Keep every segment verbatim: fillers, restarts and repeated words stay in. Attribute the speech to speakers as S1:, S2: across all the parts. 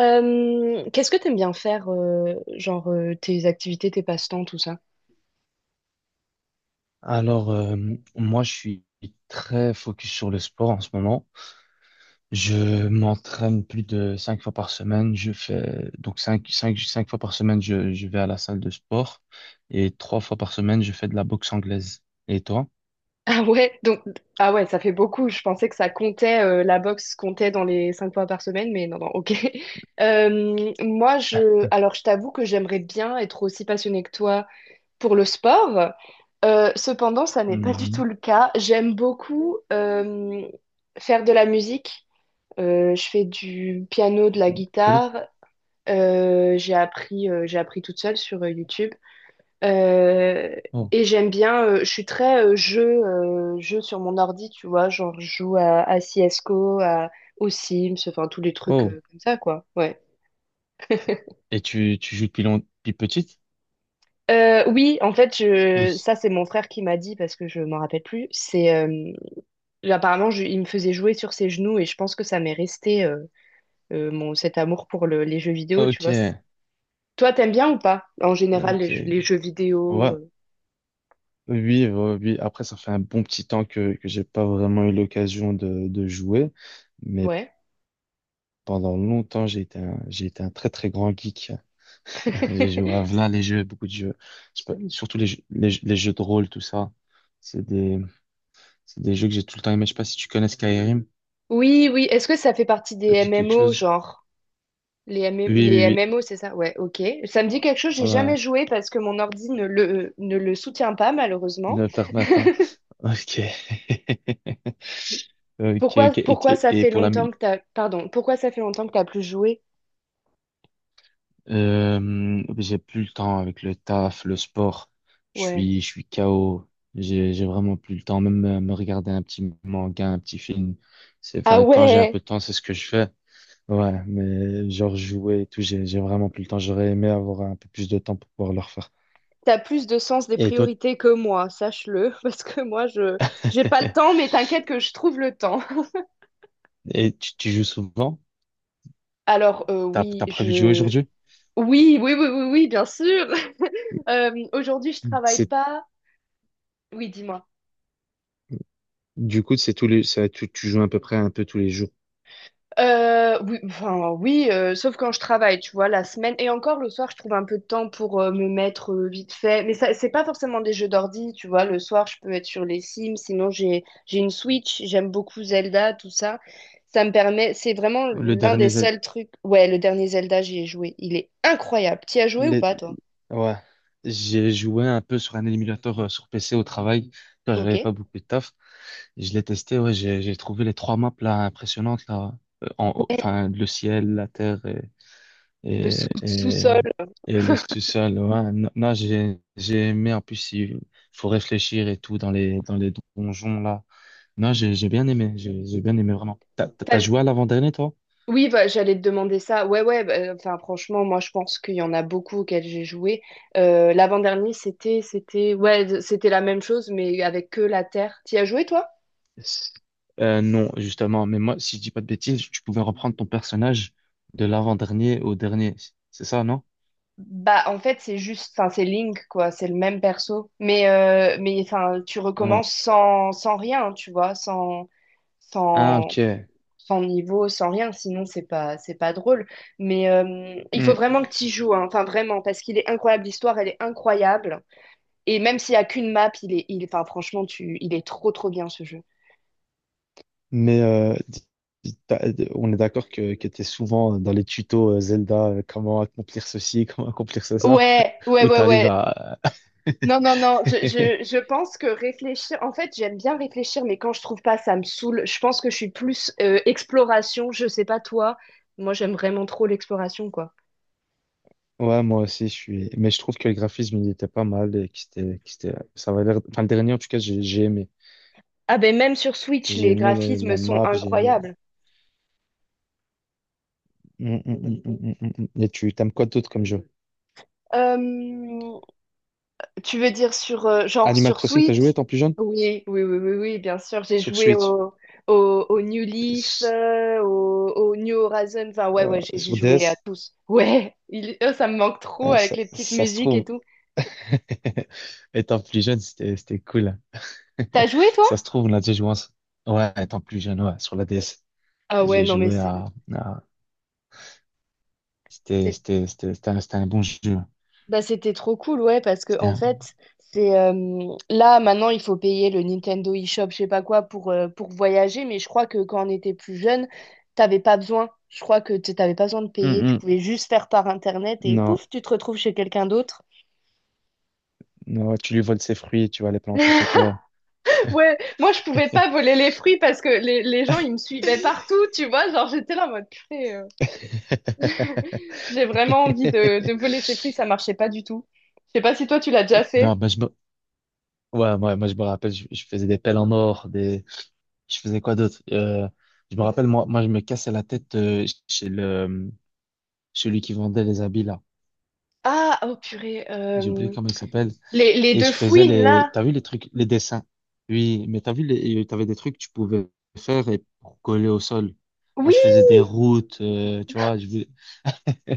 S1: Euh, qu'est-ce que t'aimes bien faire, euh, genre euh, tes activités, tes passe-temps, tout ça?
S2: Alors, euh, moi, je suis très focus sur le sport en ce moment. Je m'entraîne plus de cinq fois par semaine. Je fais donc cinq, cinq, cinq fois par semaine, je, je vais à la salle de sport et trois fois par semaine, je fais de la boxe anglaise. Et toi?
S1: Ah ouais, donc, ah ouais, ça fait beaucoup. Je pensais que ça comptait, euh, la boxe comptait dans les cinq fois par semaine, mais non, non, ok. Euh, moi, je, alors je t'avoue que j'aimerais bien être aussi passionnée que toi pour le sport. Euh, cependant, ça n'est pas du tout
S2: Mhm.
S1: le cas. J'aime beaucoup euh, faire de la musique. Euh, je fais du piano, de la
S2: Cool.
S1: guitare. Euh, j'ai appris, euh, j'ai appris toute seule sur euh, YouTube. Euh,
S2: Oh.
S1: et j'aime bien. Euh, je suis très euh, jeu, euh, jeu sur mon ordi, tu vois, genre je joue à, à C S G O, à, aux Sims, enfin tous les trucs
S2: Oh.
S1: euh, comme ça, quoi. Ouais.
S2: Et tu, tu joues depuis long- depuis petite?
S1: Euh, oui, en fait, je...
S2: Pouce.
S1: ça c'est mon frère qui m'a dit parce que je m'en rappelle plus. C'est euh, apparemment je- il me faisait jouer sur ses genoux et je pense que ça m'est resté, euh, euh, mon cet amour pour le- les jeux vidéo, tu
S2: Ok,
S1: vois. C'est- Toi, t'aimes bien ou pas en général
S2: ok.
S1: les, jeux les jeux vidéo?
S2: Ouais,
S1: euh,
S2: oui, ouais, oui. Après, ça fait un bon petit temps que, que j'ai pas vraiment eu l'occasion de, de jouer. Mais
S1: Ouais.
S2: pendant longtemps, j'ai été un, j'ai été un très très grand geek. J'ai joué à plein les jeux, beaucoup de jeux. Je sais pas, surtout les jeux, les, jeux les jeux de rôle, tout ça. C'est des, c'est des jeux que j'ai tout le temps aimé. Je sais pas si tu connais Skyrim.
S1: Oui, oui. Est-ce que ça fait partie des
S2: Ça te dit quelque, oui,
S1: M M O,
S2: chose?
S1: genre? Les
S2: Oui,
S1: MM les
S2: oui,
S1: M
S2: oui.
S1: M O c'est ça? Ouais, ok. Ça me dit quelque chose, j'ai
S2: Ouais.
S1: jamais joué parce que mon ordi ne le, ne le soutient pas, malheureusement.
S2: Ne perds pas. Ok. Ok,
S1: Pourquoi,
S2: ok. Et,
S1: pourquoi
S2: et-
S1: ça
S2: et
S1: fait
S2: pour la
S1: longtemps
S2: musique.
S1: que t'as... Pardon, pourquoi ça fait longtemps que t'as plus joué?
S2: Euh, j'ai plus le temps avec le taf, le sport. Je
S1: Ouais.
S2: suis, je suis K O. J'ai, j'ai vraiment plus le temps. Même euh, me regarder un petit manga, un petit film. C'est,
S1: Ah
S2: enfin, quand j'ai un
S1: ouais,
S2: peu de temps, c'est ce que je fais. Ouais, mais genre jouer et tout, j'ai, j'ai vraiment plus le temps. J'aurais aimé avoir un peu plus de temps pour pouvoir le refaire.
S1: t'as plus de sens des
S2: Et toi,
S1: priorités que moi, sache-le, parce que moi, je j'ai pas le temps, mais t'inquiète que je trouve le temps.
S2: et tu, tu joues souvent?
S1: Alors, euh,
S2: T'as,
S1: oui,
S2: t'as prévu de jouer
S1: je...
S2: aujourd'hui?
S1: Oui, oui, oui, oui, oui, bien sûr. Euh, aujourd'hui, je travaille
S2: C'est,
S1: pas. Oui, dis-moi.
S2: du coup, c'est tous les, ça, tu, tu joues à peu près un peu tous les jours.
S1: Euh, oui, enfin oui, euh, sauf quand je travaille, tu vois, la semaine, et encore le soir, je trouve un peu de temps pour euh, me mettre euh, vite fait. Mais ça, c'est pas forcément des jeux d'ordi, tu vois. Le soir, je peux être sur les Sims. Sinon, j'ai j'ai une Switch. J'aime beaucoup Zelda, tout ça. Ça me permet. C'est vraiment
S2: Le
S1: l'un
S2: dernier,
S1: des
S2: Z-
S1: seuls trucs. Ouais, le dernier Zelda, j'y ai joué. Il est incroyable. T'y as joué ou
S2: les,
S1: pas, toi?
S2: Ouais, j'ai joué un peu sur un émulateur euh, sur P C au travail quand
S1: Ok.
S2: j'avais pas beaucoup de taf. Je l'ai testé, ouais, j'ai j'ai trouvé les trois maps là impressionnantes là. Euh, en- haut-
S1: Ouais,
S2: enfin le ciel, la terre et
S1: le
S2: et
S1: sous-
S2: et,
S1: sous-sol.
S2: et le sous-sol. Ouais, non, non, j'ai j'ai aimé, en plus il faut réfléchir et tout dans les dans les donjons là. Non, j'ai j'ai bien aimé, j'ai j'ai bien aimé vraiment. T'as t'as joué à l'avant-dernier toi?
S1: Oui, bah, j'allais te demander ça. Ouais, ouais, bah, enfin, franchement, moi, je pense qu'il y en a beaucoup auxquels j'ai joué. Euh, l'avant-dernier, c'était, c'était, ouais, c'était la même chose, mais avec que la Terre. T'y as joué, toi?
S2: S- euh, non, justement, mais moi, si je dis pas de bêtises, tu pouvais reprendre ton personnage de l'avant-dernier au dernier. C'est ça, non?
S1: Bah, en fait, c'est juste, enfin, c'est Link, quoi, c'est le même perso. Mais, euh, mais, enfin, tu
S2: Ouais.
S1: recommences sans, sans rien, hein, tu vois, sans,
S2: Ah,
S1: sans,
S2: ok.
S1: sans niveau, sans rien, sinon, c'est pas, c'est pas drôle. Mais euh, il
S2: Hmm.
S1: faut vraiment que tu y joues, hein, enfin, vraiment, parce qu'il est incroyable, l'histoire, elle est incroyable. Et même s'il n'y a qu'une map, il est, il, enfin, franchement, tu, il est trop, trop bien ce jeu.
S2: Mais euh, d- d- t'as- d- on est d'accord que, que tu es souvent dans les tutos euh, Zelda, euh, comment accomplir ceci, comment accomplir ça,
S1: Ouais, ouais,
S2: où
S1: ouais,
S2: tu arrives
S1: ouais.
S2: à...
S1: Non, non, non, je, je, je pense que réfléchir, en fait, j'aime bien réfléchir, mais quand je trouve pas, ça me saoule. Je pense que je suis plus euh, exploration, je sais pas toi. Moi, j'aime vraiment trop l'exploration, quoi.
S2: Ouais, moi aussi, je suis... Mais je trouve que le graphisme, il était pas mal, et que c'était... que c'était- Ça avait l'air... Enfin, le dernier, en tout cas, j'ai j'ai aimé.
S1: Ah ben, même sur Switch,
S2: J'ai
S1: les
S2: aimé la
S1: graphismes
S2: la
S1: sont
S2: map, j'ai aimé.
S1: incroyables.
S2: Mm, mm, mm, mm, mm, mm, mm. Et tu t'aimes quoi d'autre comme jeu?
S1: Euh, Tu veux dire sur euh, genre
S2: Animal
S1: sur
S2: Crossing, t'as
S1: Switch?
S2: joué étant plus jeune?
S1: Oui, oui, oui, oui, oui, bien sûr. J'ai
S2: Sur
S1: joué
S2: Switch,
S1: au, au, au New Leaf,
S2: s-
S1: euh, au, au New Horizon. Enfin, ouais,
S2: euh,
S1: ouais, j'ai j'ai
S2: sur
S1: joué à
S2: D S,
S1: tous. Ouais, il- oh, ça me manque trop
S2: hein,
S1: avec
S2: ça,
S1: les petites
S2: ça se
S1: musiques et
S2: trouve.
S1: tout.
S2: Étant plus jeune, c'était c'était cool.
S1: T'as joué, toi?
S2: Ça se trouve, on a déjà joué ensemble. Ouais, étant plus jeune, ouais, sur la D S.
S1: Ah ouais,
S2: J'ai
S1: non, mais
S2: joué
S1: c'est
S2: à, à- C'était
S1: c'est.
S2: c'était- c'était- c'était un, c'était un bon jeu.
S1: Bah, c'était trop cool, ouais, parce que
S2: C'était
S1: en
S2: un-
S1: fait, c'est euh, là maintenant il faut payer le Nintendo eShop, je sais pas quoi, pour, euh, pour voyager, mais je crois que quand on était plus jeune, t'avais pas besoin. Je crois que t- t'avais pas besoin de
S2: Mm,
S1: payer, tu pouvais
S2: mm.
S1: juste faire par internet et
S2: Non,
S1: pouf, tu te retrouves chez quelqu'un d'autre.
S2: non, tu lui voles ses fruits, tu vas les planter chez toi.
S1: Ouais, moi je pouvais pas voler les fruits parce que les, les gens ils me suivaient partout, tu vois, genre j'étais là en mode purée, euh, j'ai vraiment envie de, de voler ces fruits, ça marchait pas du tout. Je sais pas si toi tu l'as déjà
S2: Non,
S1: fait.
S2: ben je me, Ouais, ouais, moi je me rappelle, je, je faisais des pelles en or, des, je faisais quoi d'autre? Euh, je me rappelle, moi, moi, je me cassais la tête euh, chez le, celui qui vendait les habits là.
S1: Ah, oh purée,
S2: J'ai oublié
S1: euh,
S2: comment il s'appelle.
S1: les, les
S2: Et
S1: deux
S2: je faisais
S1: fouines
S2: les,
S1: là.
S2: t'as vu les trucs, les dessins. Oui, mais t'as vu les, t'avais des trucs que tu pouvais faire et pour coller au sol. Moi,
S1: Oui,
S2: je faisais des routes, euh, tu vois, je,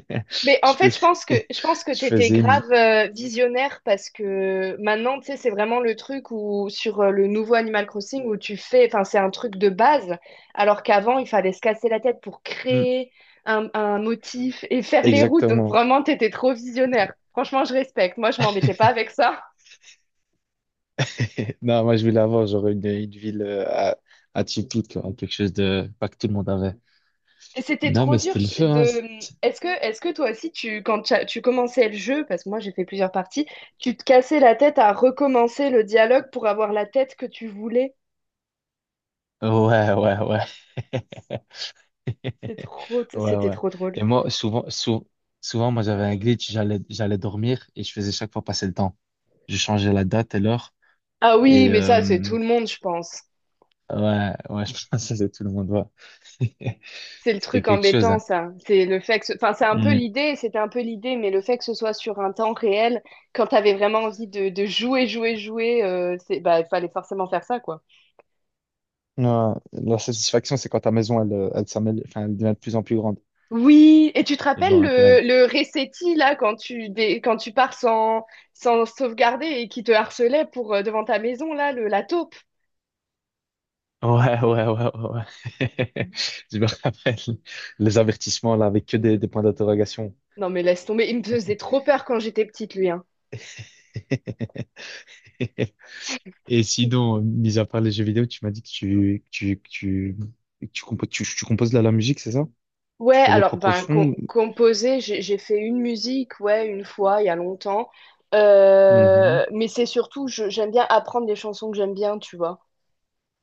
S1: mais en
S2: je
S1: fait,
S2: faisais,
S1: je pense que je pense que
S2: je
S1: t'étais
S2: faisais une,
S1: grave euh, visionnaire parce que maintenant, tu sais, c'est vraiment le truc où sur euh, le nouveau Animal Crossing où tu fais, enfin, c'est un truc de base, alors qu'avant, il fallait se casser la tête pour
S2: Hmm,
S1: créer un, un motif et faire les routes. Donc
S2: exactement.
S1: vraiment, t'étais trop visionnaire. Franchement, je respecte. Moi, je m'embêtais pas avec ça.
S2: Non, moi, je voulais avoir genre une, une ville euh, à- atypique, quoi, quelque chose de pas que tout le monde avait.
S1: C'était
S2: Non,
S1: trop
S2: mais
S1: dur
S2: c'était le feu, hein.
S1: de. Est-ce que, est-ce que toi aussi, tu, quand tu as- tu commençais le jeu, parce que moi j'ai fait plusieurs parties, tu te cassais la tête à recommencer le dialogue pour avoir la tête que tu voulais?
S2: Ouais, ouais, ouais.
S1: C'est trop,
S2: Ouais,
S1: c'était
S2: ouais.
S1: trop drôle.
S2: Et moi, souvent, sou- souvent, moi, j'avais un glitch, j'allais, j'allais dormir et je faisais chaque fois passer le temps. Je changeais la date et l'heure.
S1: Ah oui,
S2: Et
S1: mais ça, c'est
S2: euh,
S1: tout le monde, je pense.
S2: ouais, ouais, je pense que tout le monde voit.
S1: C'est le
S2: C'était
S1: truc
S2: quelque chose,
S1: embêtant,
S2: hein.
S1: ça. C'est le fait que, ce- enfin, c'est un peu
S2: Mm.
S1: l'idée, c'était un peu l'idée, mais le fait que ce soit sur un temps réel, quand t'avais vraiment envie de, de jouer, jouer, jouer, euh, c'est, bah, il fallait forcément faire ça, quoi.
S2: Ouais, la satisfaction, c'est quand ta maison, elle, euh, elle, s'amène- enfin, elle devient de plus en plus grande.
S1: Oui, et tu te
S2: Je me
S1: rappelles
S2: rappelle.
S1: le, le Resetti, là, quand tu, dé- quand tu pars sans, sans sauvegarder et qui te harcelait pour, euh, devant ta maison, là, le, la taupe.
S2: Ouais, ouais, ouais, ouais, ouais. Je me rappelle les avertissements là avec que des, des points d'interrogation.
S1: Non, mais laisse tomber, il me faisait trop peur quand j'étais petite, lui, hein.
S2: Et sinon, euh, mis à part les jeux vidéo, tu m'as dit que tu, que tu, que tu, que tu, compo- tu, tu composes de la, la musique, c'est ça?
S1: Ouais,
S2: Tu fais des
S1: alors,
S2: propres
S1: ben, com-
S2: sons? ou-
S1: composer, j'ai j'ai fait une musique, ouais, une fois, il y a longtemps.
S2: Mhm.
S1: Euh, mais c'est surtout, je- j'aime bien apprendre des chansons que j'aime bien, tu vois,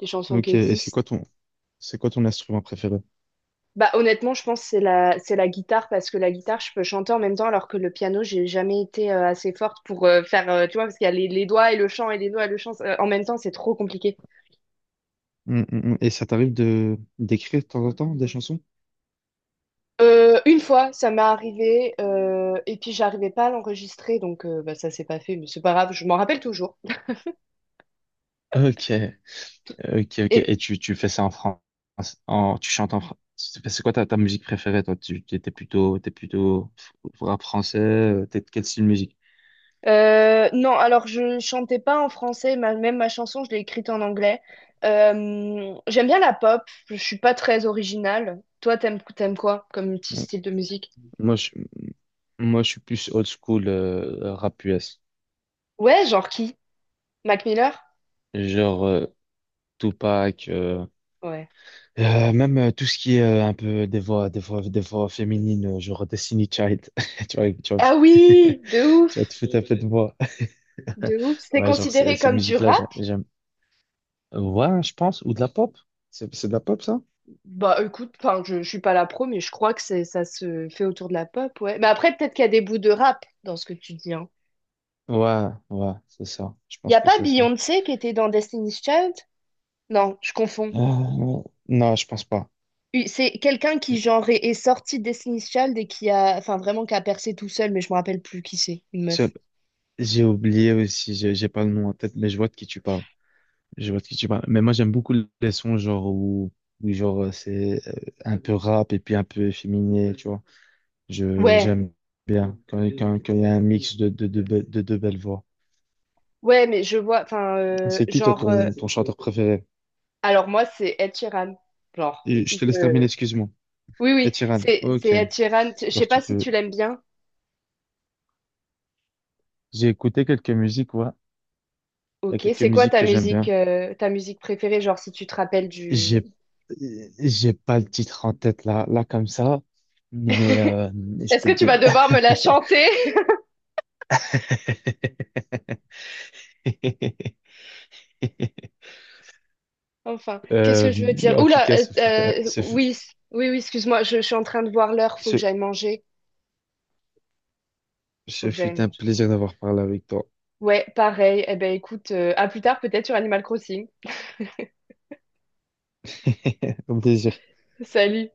S1: des chansons qui
S2: Ok, et c'est quoi
S1: existent.
S2: ton, c'est quoi ton instrument préféré?
S1: Bah, honnêtement, je pense que c'est la, c'est la guitare parce que la guitare, je peux chanter en même temps alors que le piano, j'ai jamais été euh, assez forte pour euh, faire, euh, tu vois, parce qu'il y a les, les doigts et le chant et les doigts et le chant euh, en même temps, c'est trop compliqué.
S2: Mm, mm, mm. Et ça t'arrive de d'écrire de temps en temps des chansons?
S1: Euh, une fois, ça m'est arrivé euh, et puis j'arrivais pas à l'enregistrer donc euh, bah, ça s'est pas fait, mais c'est pas grave, je m'en rappelle toujours.
S2: Ok, ok, ok. Et
S1: Et
S2: tu, tu fais ça en France, en, tu chantes en France. C'est quoi ta, ta musique préférée, toi? Tu t'es t'es plutôt, t'es plutôt rap français, euh, t'es de quel style de musique?
S1: euh, non, alors je chantais pas en français, ma- même ma chanson, je l'ai écrite en anglais. Euh, j'aime bien la pop, je suis pas très originale. Toi, t'aimes, t'aimes quoi comme petit style de musique?
S2: Moi, je, moi, je suis plus old school, euh, rap U S.
S1: Ouais, genre qui? Mac Miller?
S2: Genre, euh, Tupac, euh,
S1: Ouais.
S2: euh, même euh, tout ce qui est euh, un peu des voix, des voix, des voix féminines, euh, genre Destiny Child. Tu vois, tu vois,
S1: Ah oui, de
S2: tu vas te
S1: ouf,
S2: foutre un peu de voix.
S1: de ouf. C'est
S2: Ouais, genre, ces,
S1: considéré
S2: ces
S1: comme du
S2: musiques-là,
S1: rap?
S2: j'a- j'aime. Ouais, je pense, ou de la pop. C'est c'est de la pop, ça?
S1: Bah écoute, enfin je, je suis pas la pro, mais je crois que c'est ça se fait autour de la pop, ouais. Mais après peut-être qu'il y a des bouts de rap dans ce que tu dis, hein.
S2: Ouais, ouais, c'est ça. Je
S1: Y
S2: pense
S1: a
S2: que
S1: pas
S2: c'est ça.
S1: Beyoncé qui était dans Destiny's Child? Non, je confonds.
S2: Euh, non, je pense pas.
S1: Oui, C'est quelqu'un qui genre est, est sorti de Destiny's Child et qui a, enfin vraiment qui a percé tout seul, mais je me rappelle plus qui c'est, une meuf.
S2: Seul- J'ai oublié aussi, j'ai j'ai pas le nom en tête, mais je vois de qui tu parles. Je vois de qui tu parles. Mais moi, j'aime beaucoup les sons genre où, où genre euh, c'est euh, un peu rap et puis un peu efféminé, tu vois. Je
S1: Ouais,
S2: j'aime bien quand quand quand il y a un mix de de de, be- de deux belles voix.
S1: ouais, mais je vois, enfin euh,
S2: C'est qui toi
S1: genre, euh,
S2: ton ton chanteur préféré?
S1: alors moi c'est Ed Sheeran, genre.
S2: Et je te laisse terminer,
S1: euh,
S2: excuse-moi.
S1: Oui,
S2: Et
S1: oui,
S2: Tiran,
S1: c'est c'est
S2: ok.
S1: Ed Sheeran. Je sais
S2: Genre
S1: pas
S2: tu
S1: si
S2: peux.
S1: tu l'aimes bien.
S2: J'ai écouté quelques musiques, ouais. Il y a
S1: Ok,
S2: quelques
S1: c'est quoi
S2: musiques
S1: ta
S2: que j'aime
S1: musique
S2: bien.
S1: euh, ta musique préférée, genre si tu te rappelles du...
S2: J'ai, j'ai pas le titre en tête là, là comme ça, mais euh, je
S1: Est-ce
S2: peux
S1: que tu
S2: te
S1: vas
S2: donner.
S1: devoir me la chanter? Enfin, qu'est-ce
S2: Euh,
S1: que je veux dire?
S2: En tout
S1: Oula,
S2: cas,
S1: euh,
S2: ce fut un,
S1: euh,
S2: ce fut,
S1: oui, c- oui, oui, excuse-moi, je, je suis en train de voir l'heure, faut que
S2: ce,
S1: j'aille manger. Faut
S2: ce
S1: que j'aille
S2: fut un
S1: manger.
S2: plaisir d'avoir parlé avec toi.
S1: Ouais, pareil. Eh ben écoute, euh, à plus tard peut-être sur Animal Crossing.
S2: Un plaisir.
S1: Salut.